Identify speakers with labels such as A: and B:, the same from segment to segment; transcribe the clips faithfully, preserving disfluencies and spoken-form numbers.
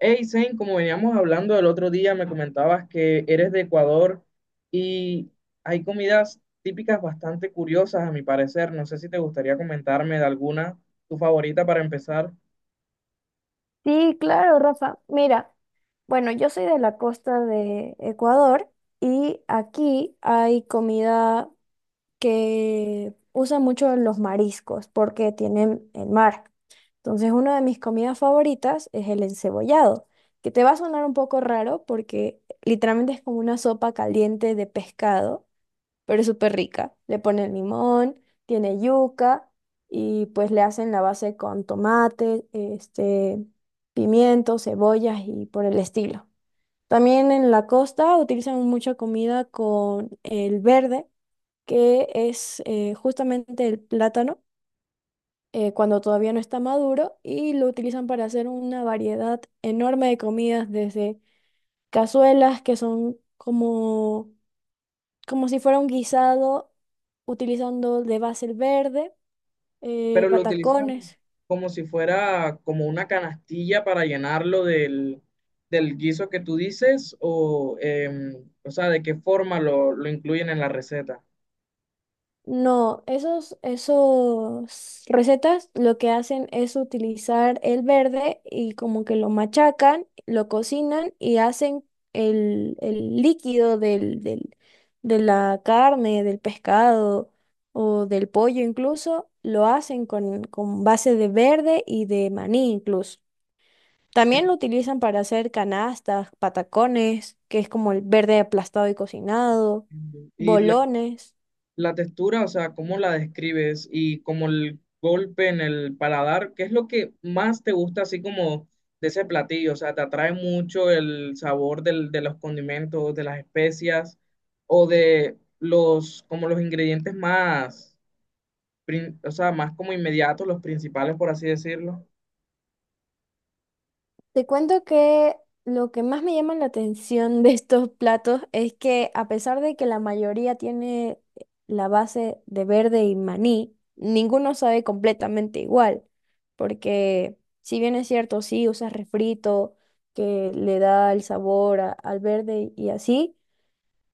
A: Hey, Zane, como veníamos hablando el otro día, me comentabas que eres de Ecuador y hay comidas típicas bastante curiosas, a mi parecer. No sé si te gustaría comentarme de alguna, tu favorita para empezar,
B: Sí, claro, Rafa. Mira, bueno, yo soy de la costa de Ecuador y aquí hay comida que usa mucho los mariscos porque tienen el mar. Entonces, una de mis comidas favoritas es el encebollado, que te va a sonar un poco raro porque literalmente es como una sopa caliente de pescado pero es súper rica. Le ponen limón, tiene yuca y pues le hacen la base con tomate, este, pimientos, cebollas y por el estilo. También en la costa utilizan mucha comida con el verde, que es eh, justamente el plátano. Eh, cuando todavía no está maduro y lo utilizan para hacer una variedad enorme de comidas, desde cazuelas que son como como si fuera un guisado utilizando de base el verde, eh,
A: pero lo Eh, utilizan
B: patacones.
A: como si fuera como una canastilla para llenarlo del, del guiso que tú dices o, em, o sea, de qué forma lo, lo incluyen en la receta.
B: No, esos, esos recetas lo que hacen es utilizar el verde y como que lo machacan, lo cocinan y hacen el, el líquido del, del- de la carne, del pescado o del pollo incluso, lo hacen con, con base de verde y de maní incluso. También lo utilizan para hacer canastas, patacones, que es como el verde aplastado y cocinado,
A: Entiendo. Y la
B: bolones.
A: La textura, o sea, ¿cómo la describes? Y como el golpe en el paladar, ¿qué es lo que más te gusta así como de ese platillo? O sea, ¿te atrae mucho el sabor del- de los condimentos, de las especias o de los, como los ingredientes más, prin- o sea, más como inmediatos, los principales, por así decirlo?
B: Te cuento que lo que más me llama la atención de estos platos es que a pesar de que la mayoría tiene la base de verde y maní, ninguno sabe completamente igual, porque si bien es cierto, sí usas refrito que le da el sabor a- al verde y así.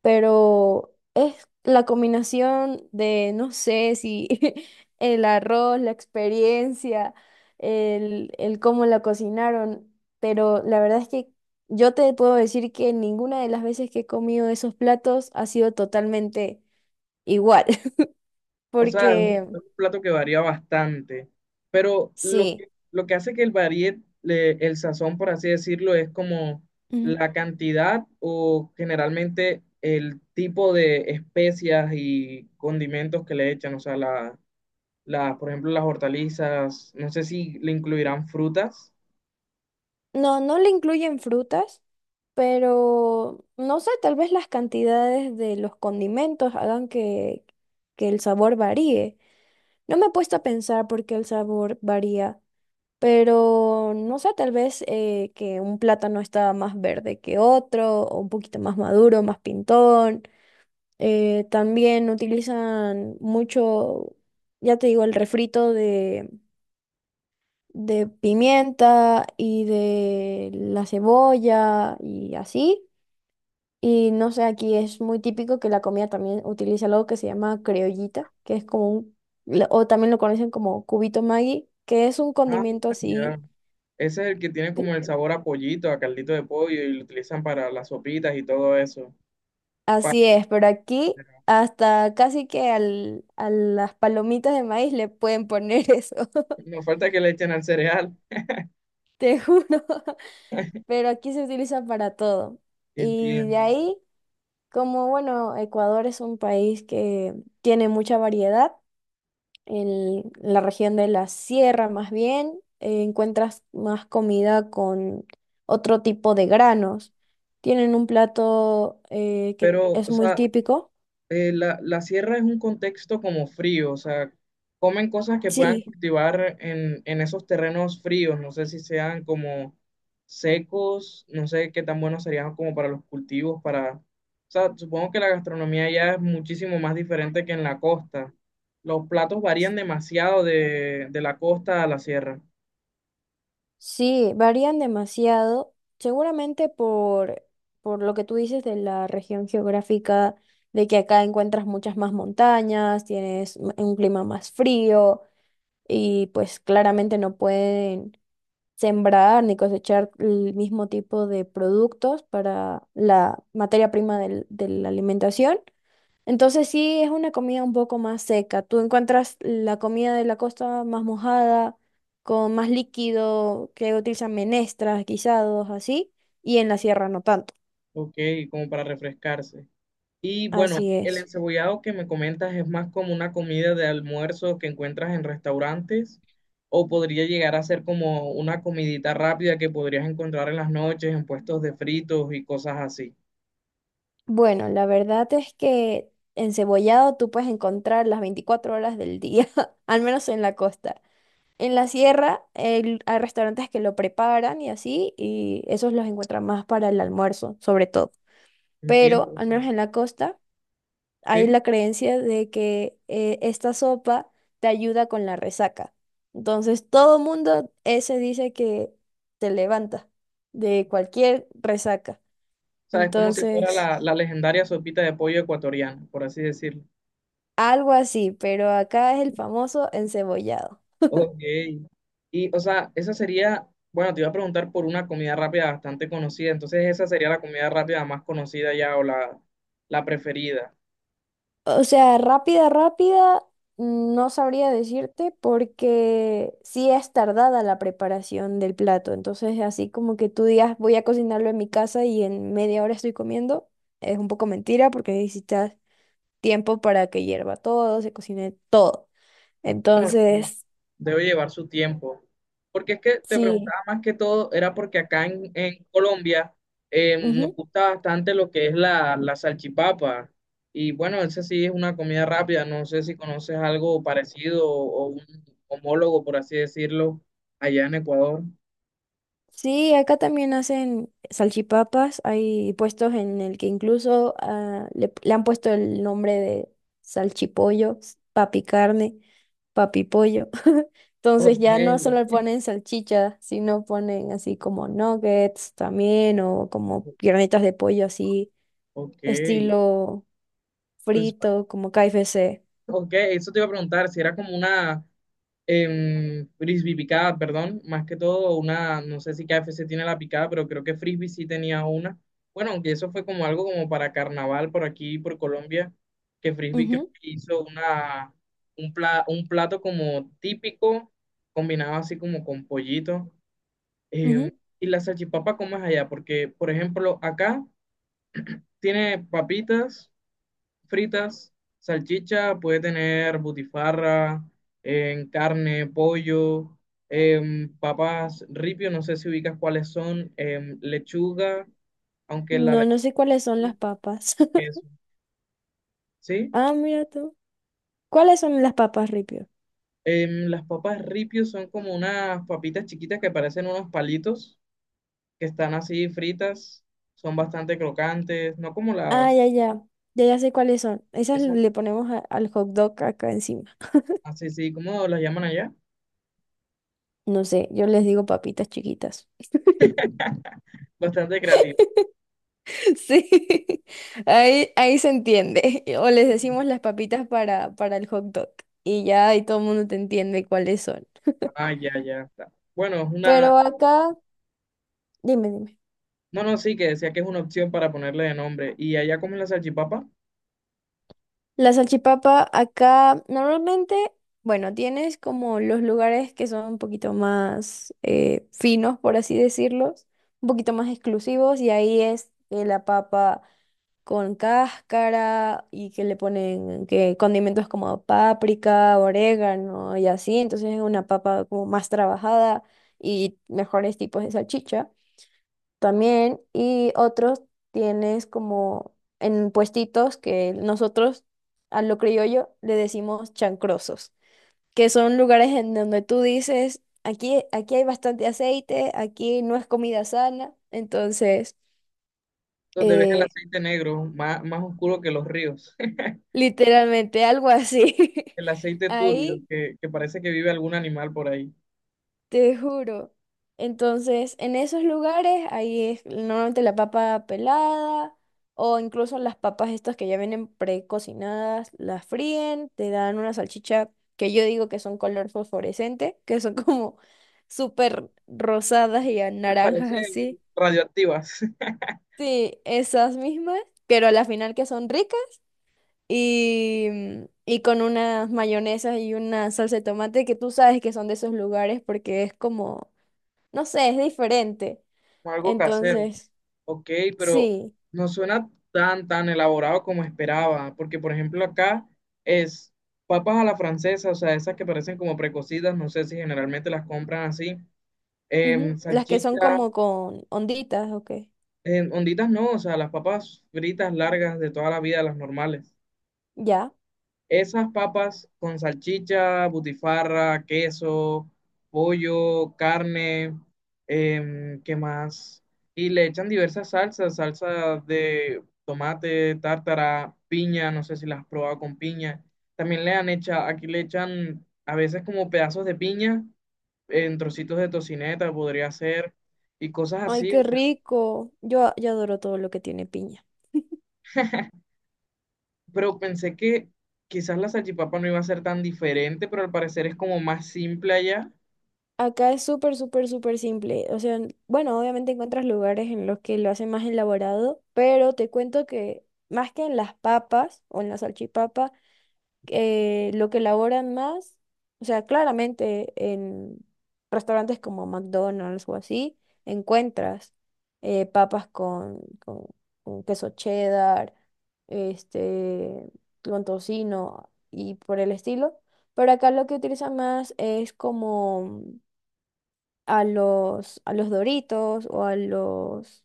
B: Pero es la combinación de, no sé si el arroz, la experiencia, el, el cómo la cocinaron, pero la verdad es que yo te puedo decir que ninguna de las veces que he comido esos platos ha sido totalmente igual,
A: O sea, es un, es
B: porque
A: un plato que varía bastante, pero lo
B: sí,
A: que, lo que hace que el varíe le- el sazón, por así decirlo, es como
B: ujú.
A: la cantidad o generalmente el tipo de especias y condimentos que le echan. O sea, la, la- por ejemplo, las hortalizas, no sé si le incluirán frutas.
B: No, no le incluyen frutas. Pero no sé, tal vez las cantidades de los condimentos hagan que, que, el sabor varíe. No me he puesto a pensar por qué el sabor varía, pero no sé, tal vez eh, que un plátano está más verde que otro, o un poquito más maduro, más pintón. Eh, también utilizan mucho, ya te digo, el refrito de, de pimienta y de la cebolla y así. Y no sé, aquí es muy típico que la comida también utiliza algo que se llama criollita, que es como un, la- o también lo conocen como cubito Maggi, que es un
A: Ah,
B: condimento
A: ya.
B: así,
A: Ese es el que tiene
B: que-
A: como el sabor a pollito, a caldito de pollo y lo utilizan para las sopitas y todo eso. Pa-
B: así es, pero aquí hasta casi que al, a las palomitas de maíz le pueden poner eso,
A: no falta que le echen al cereal.
B: te juro, pero aquí se utiliza para todo. Y de
A: Entiendo.
B: ahí, como bueno, Ecuador es un país que tiene mucha variedad. En la región de la sierra, más bien, eh, encuentras más comida con otro tipo de granos. Tienen un plato eh, que
A: Pero,
B: es
A: o
B: muy
A: sea,
B: típico.
A: eh, la, la sierra es un contexto como frío, o sea, comen cosas que puedan
B: Sí,
A: cultivar en, en esos terrenos fríos, no sé si sean como secos, no sé qué tan buenos serían como para los cultivos, para, o sea, supongo que la gastronomía ya es muchísimo más diferente que en la costa. Los platos varían demasiado de, de la costa a la sierra,
B: sí, varían demasiado, seguramente por, por lo que tú dices de la región geográfica, de que acá encuentras muchas más montañas, tienes m- un clima más frío y pues claramente no pueden sembrar ni cosechar el mismo tipo de productos para la materia prima del- de la alimentación. Entonces sí es una comida un poco más seca. Tú encuentras la comida de la costa más mojada, con más líquido, que utilizan menestras, guisados, así, y en la sierra no tanto.
A: ok, como para refrescarse. Y bueno,
B: Así
A: el
B: es.
A: encebollado que me comentas es más como una comida de almuerzo que encuentras en restaurantes o podría llegar a ser como una comidita rápida que podrías encontrar en las noches en puestos de fritos y cosas así.
B: Bueno, la verdad es que encebollado tú puedes encontrar las veinticuatro horas del día, al menos en la costa. En la sierra el- hay restaurantes que lo preparan y así, y esos los encuentran más para el almuerzo, sobre todo.
A: Entiendo,
B: Pero
A: o
B: al menos
A: sea,
B: en la costa hay
A: ¿sí?
B: la creencia de que eh, esta sopa te ayuda con la resaca. Entonces todo mundo ese dice que te levanta de cualquier resaca.
A: O sea, es como si fuera
B: Entonces,
A: la, la legendaria sopita de pollo ecuatoriana, por así decirlo.
B: algo así, pero acá es el famoso encebollado.
A: Ok. Y, o sea, esa sería, bueno, te iba a preguntar por una comida rápida bastante conocida, entonces esa sería la comida rápida más conocida ya o la, la preferida.
B: O sea, rápida, rápida, no sabría decirte porque sí es tardada la preparación del plato. Entonces, así como que tú digas, voy a cocinarlo en mi casa y en media hora estoy comiendo, es un poco mentira porque necesitas tiempo para que hierva todo, se cocine todo.
A: Bueno,
B: Entonces,
A: debe llevar su tiempo. Porque es que te
B: sí.
A: preguntaba más que todo, era porque acá en, en Colombia eh, nos gusta bastante lo que es la, la salchipapa. Y bueno, esa sí es una comida rápida. No sé si conoces algo parecido o, o un homólogo, por así decirlo, allá en Ecuador.
B: Sí, acá también hacen salchipapas. Hay puestos en el que incluso ah, le, le han puesto el nombre de salchipollo, papi carne, papi pollo. Entonces
A: Ok,
B: ya no solo ponen salchicha, sino ponen así como nuggets también o como piernitas de pollo así,
A: ok.
B: estilo
A: Es-
B: frito, como K F C.
A: Ok, eso te iba a preguntar, si era como una, em, frisbee picada, perdón, más que todo una, no sé si K F C tiene la picada, pero creo que frisbee sí tenía una. Bueno, aunque eso fue como algo como para carnaval por aquí, por Colombia, que frisbee creo
B: Ujú,
A: que hizo una, un pla- un plato como típico, combinado así como con pollito. Em,
B: ujú.
A: y la salchipapa, ¿cómo es allá? Porque, por ejemplo, acá tiene papitas fritas, salchicha, puede tener butifarra, en carne, pollo, em, papas ripio, no sé si ubicas cuáles son, em, lechuga, aunque la
B: No, no
A: lechuga
B: sé cuáles son
A: es
B: las papas.
A: queso, ¿sí?
B: Ah, mira tú. ¿Cuáles son las papas, Ripio?
A: Em, las papas ripio son como unas papitas chiquitas que parecen unos palitos, que están así fritas, son bastante crocantes, no como
B: Ah,
A: las,
B: ya, ya. Ya, ya sé cuáles son. Esas
A: esas,
B: le ponemos a- al hot dog acá encima.
A: así, sí, ¿cómo las llaman allá?
B: No sé, yo les digo papitas chiquitas.
A: Bastante creativas.
B: Sí, ahí, ahí se entiende. O les decimos las papitas para, para el hot dog. Y ya ahí todo el mundo te entiende cuáles son.
A: Ah, ya, ya está. Bueno, es
B: Pero
A: una
B: acá, dime, dime.
A: No, no, sí, que decía que es una opción para ponerle de nombre. Y allá comen la salchipapa,
B: La salchipapa acá normalmente, bueno, tienes como los lugares que son un poquito más eh, finos, por así decirlos, un poquito más exclusivos, y ahí es eh, la papa. Con cáscara y que le ponen que condimentos como páprica, orégano y así. Entonces es una papa como más trabajada y mejores tipos de salchicha también. Y otros tienes como en puestitos que nosotros a lo criollo le decimos chancrosos, que son lugares en donde tú dices, aquí, aquí hay bastante aceite, aquí no es comida sana. Entonces...
A: donde ves el
B: eh,
A: aceite negro, más, más oscuro que los ríos.
B: literalmente, algo así.
A: El aceite turbio,
B: Ahí,
A: que, que parece que vive algún animal por ahí.
B: te juro. Entonces, en esos lugares, ahí es normalmente la papa pelada o incluso las papas estas que ya vienen precocinadas, las fríen, te dan una salchicha que yo digo que son color fosforescente, que son como súper rosadas y a
A: Que
B: naranjas
A: parece
B: así.
A: radioactivas,
B: Sí, esas mismas, pero a la final que son ricas. Y, y con unas mayonesas y una salsa de tomate que tú sabes que son de esos lugares porque es como, no sé, es diferente.
A: como algo casero.
B: Entonces,
A: Ok, pero
B: sí,
A: no suena tan, tan elaborado como esperaba. Porque, por ejemplo, acá es papas a la francesa, o sea, esas que parecen como precocidas, no sé si generalmente las compran así.
B: ujú,
A: Em,
B: las que son
A: salchicha,
B: como con onditas, ok.
A: Eh, onditas no, o sea, las papas fritas largas de toda la vida, las normales.
B: Ya.
A: Esas papas con salchicha, butifarra, queso, pollo, carne, em, ¿qué más? Y le echan diversas salsas, salsa de tomate, tártara, piña, no sé si las has probado con piña. También le han hecho, aquí le echan a veces como pedazos de piña en trocitos de tocineta, podría ser, y cosas
B: Ay,
A: así.
B: qué rico. Yo, yo adoro todo lo que tiene piña.
A: Pero pensé que quizás la salchipapa no iba a ser tan diferente, pero al parecer es como más simple allá.
B: Acá es súper, súper, súper simple. O sea, bueno, obviamente encuentras lugares en los que lo hacen más elaborado, pero te cuento que más que en las papas o en la salchipapa, eh, lo que elaboran más, o sea, claramente en restaurantes como McDonald's o así, encuentras eh, papas con, con- con queso cheddar, este, con tocino y por el estilo. Pero acá lo que utilizan más es como a los, a los Doritos o a los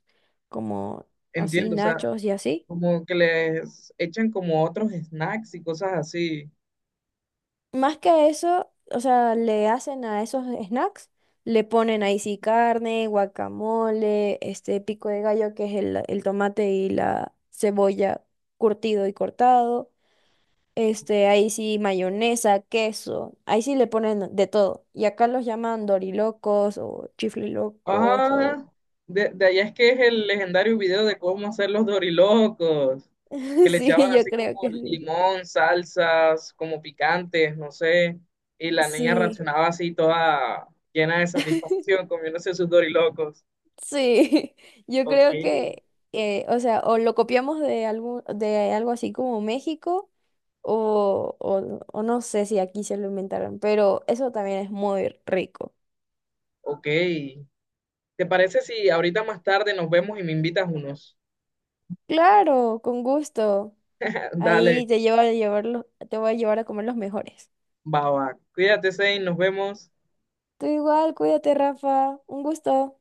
B: como así
A: Entiendo, o sea,
B: nachos y así.
A: como que les echan como otros snacks y cosas así.
B: Más que eso, o sea, le hacen a esos snacks, le ponen ahí sí carne, guacamole, este pico de gallo, que es el, el tomate y la cebolla curtido y cortado. Este, ahí sí mayonesa, queso, ahí sí le ponen de todo. Y acá los llaman dorilocos o chiflilocos o...
A: Ah, de, de allá es que es el legendario video de cómo hacer los dorilocos, que le echaban
B: Sí, yo
A: así
B: creo
A: como
B: que sí.
A: limón, salsas, como picantes, no sé. Y la niña
B: Sí.
A: reaccionaba así toda llena de satisfacción comiéndose sus dorilocos.
B: Sí, yo
A: Ok,
B: creo que, eh, o sea, o lo copiamos de algo, de algo, así como México, o, o, o no sé si aquí se lo inventaron, pero eso también es muy rico.
A: ok. ¿Te parece si ahorita más tarde nos vemos y me invitas unos?
B: Claro, con gusto.
A: Dale,
B: Ahí te llevo a llevar los- Te voy a llevar a comer los mejores.
A: va va. Cuídate, Zane, nos vemos.
B: Tú igual, cuídate, Rafa. Un gusto.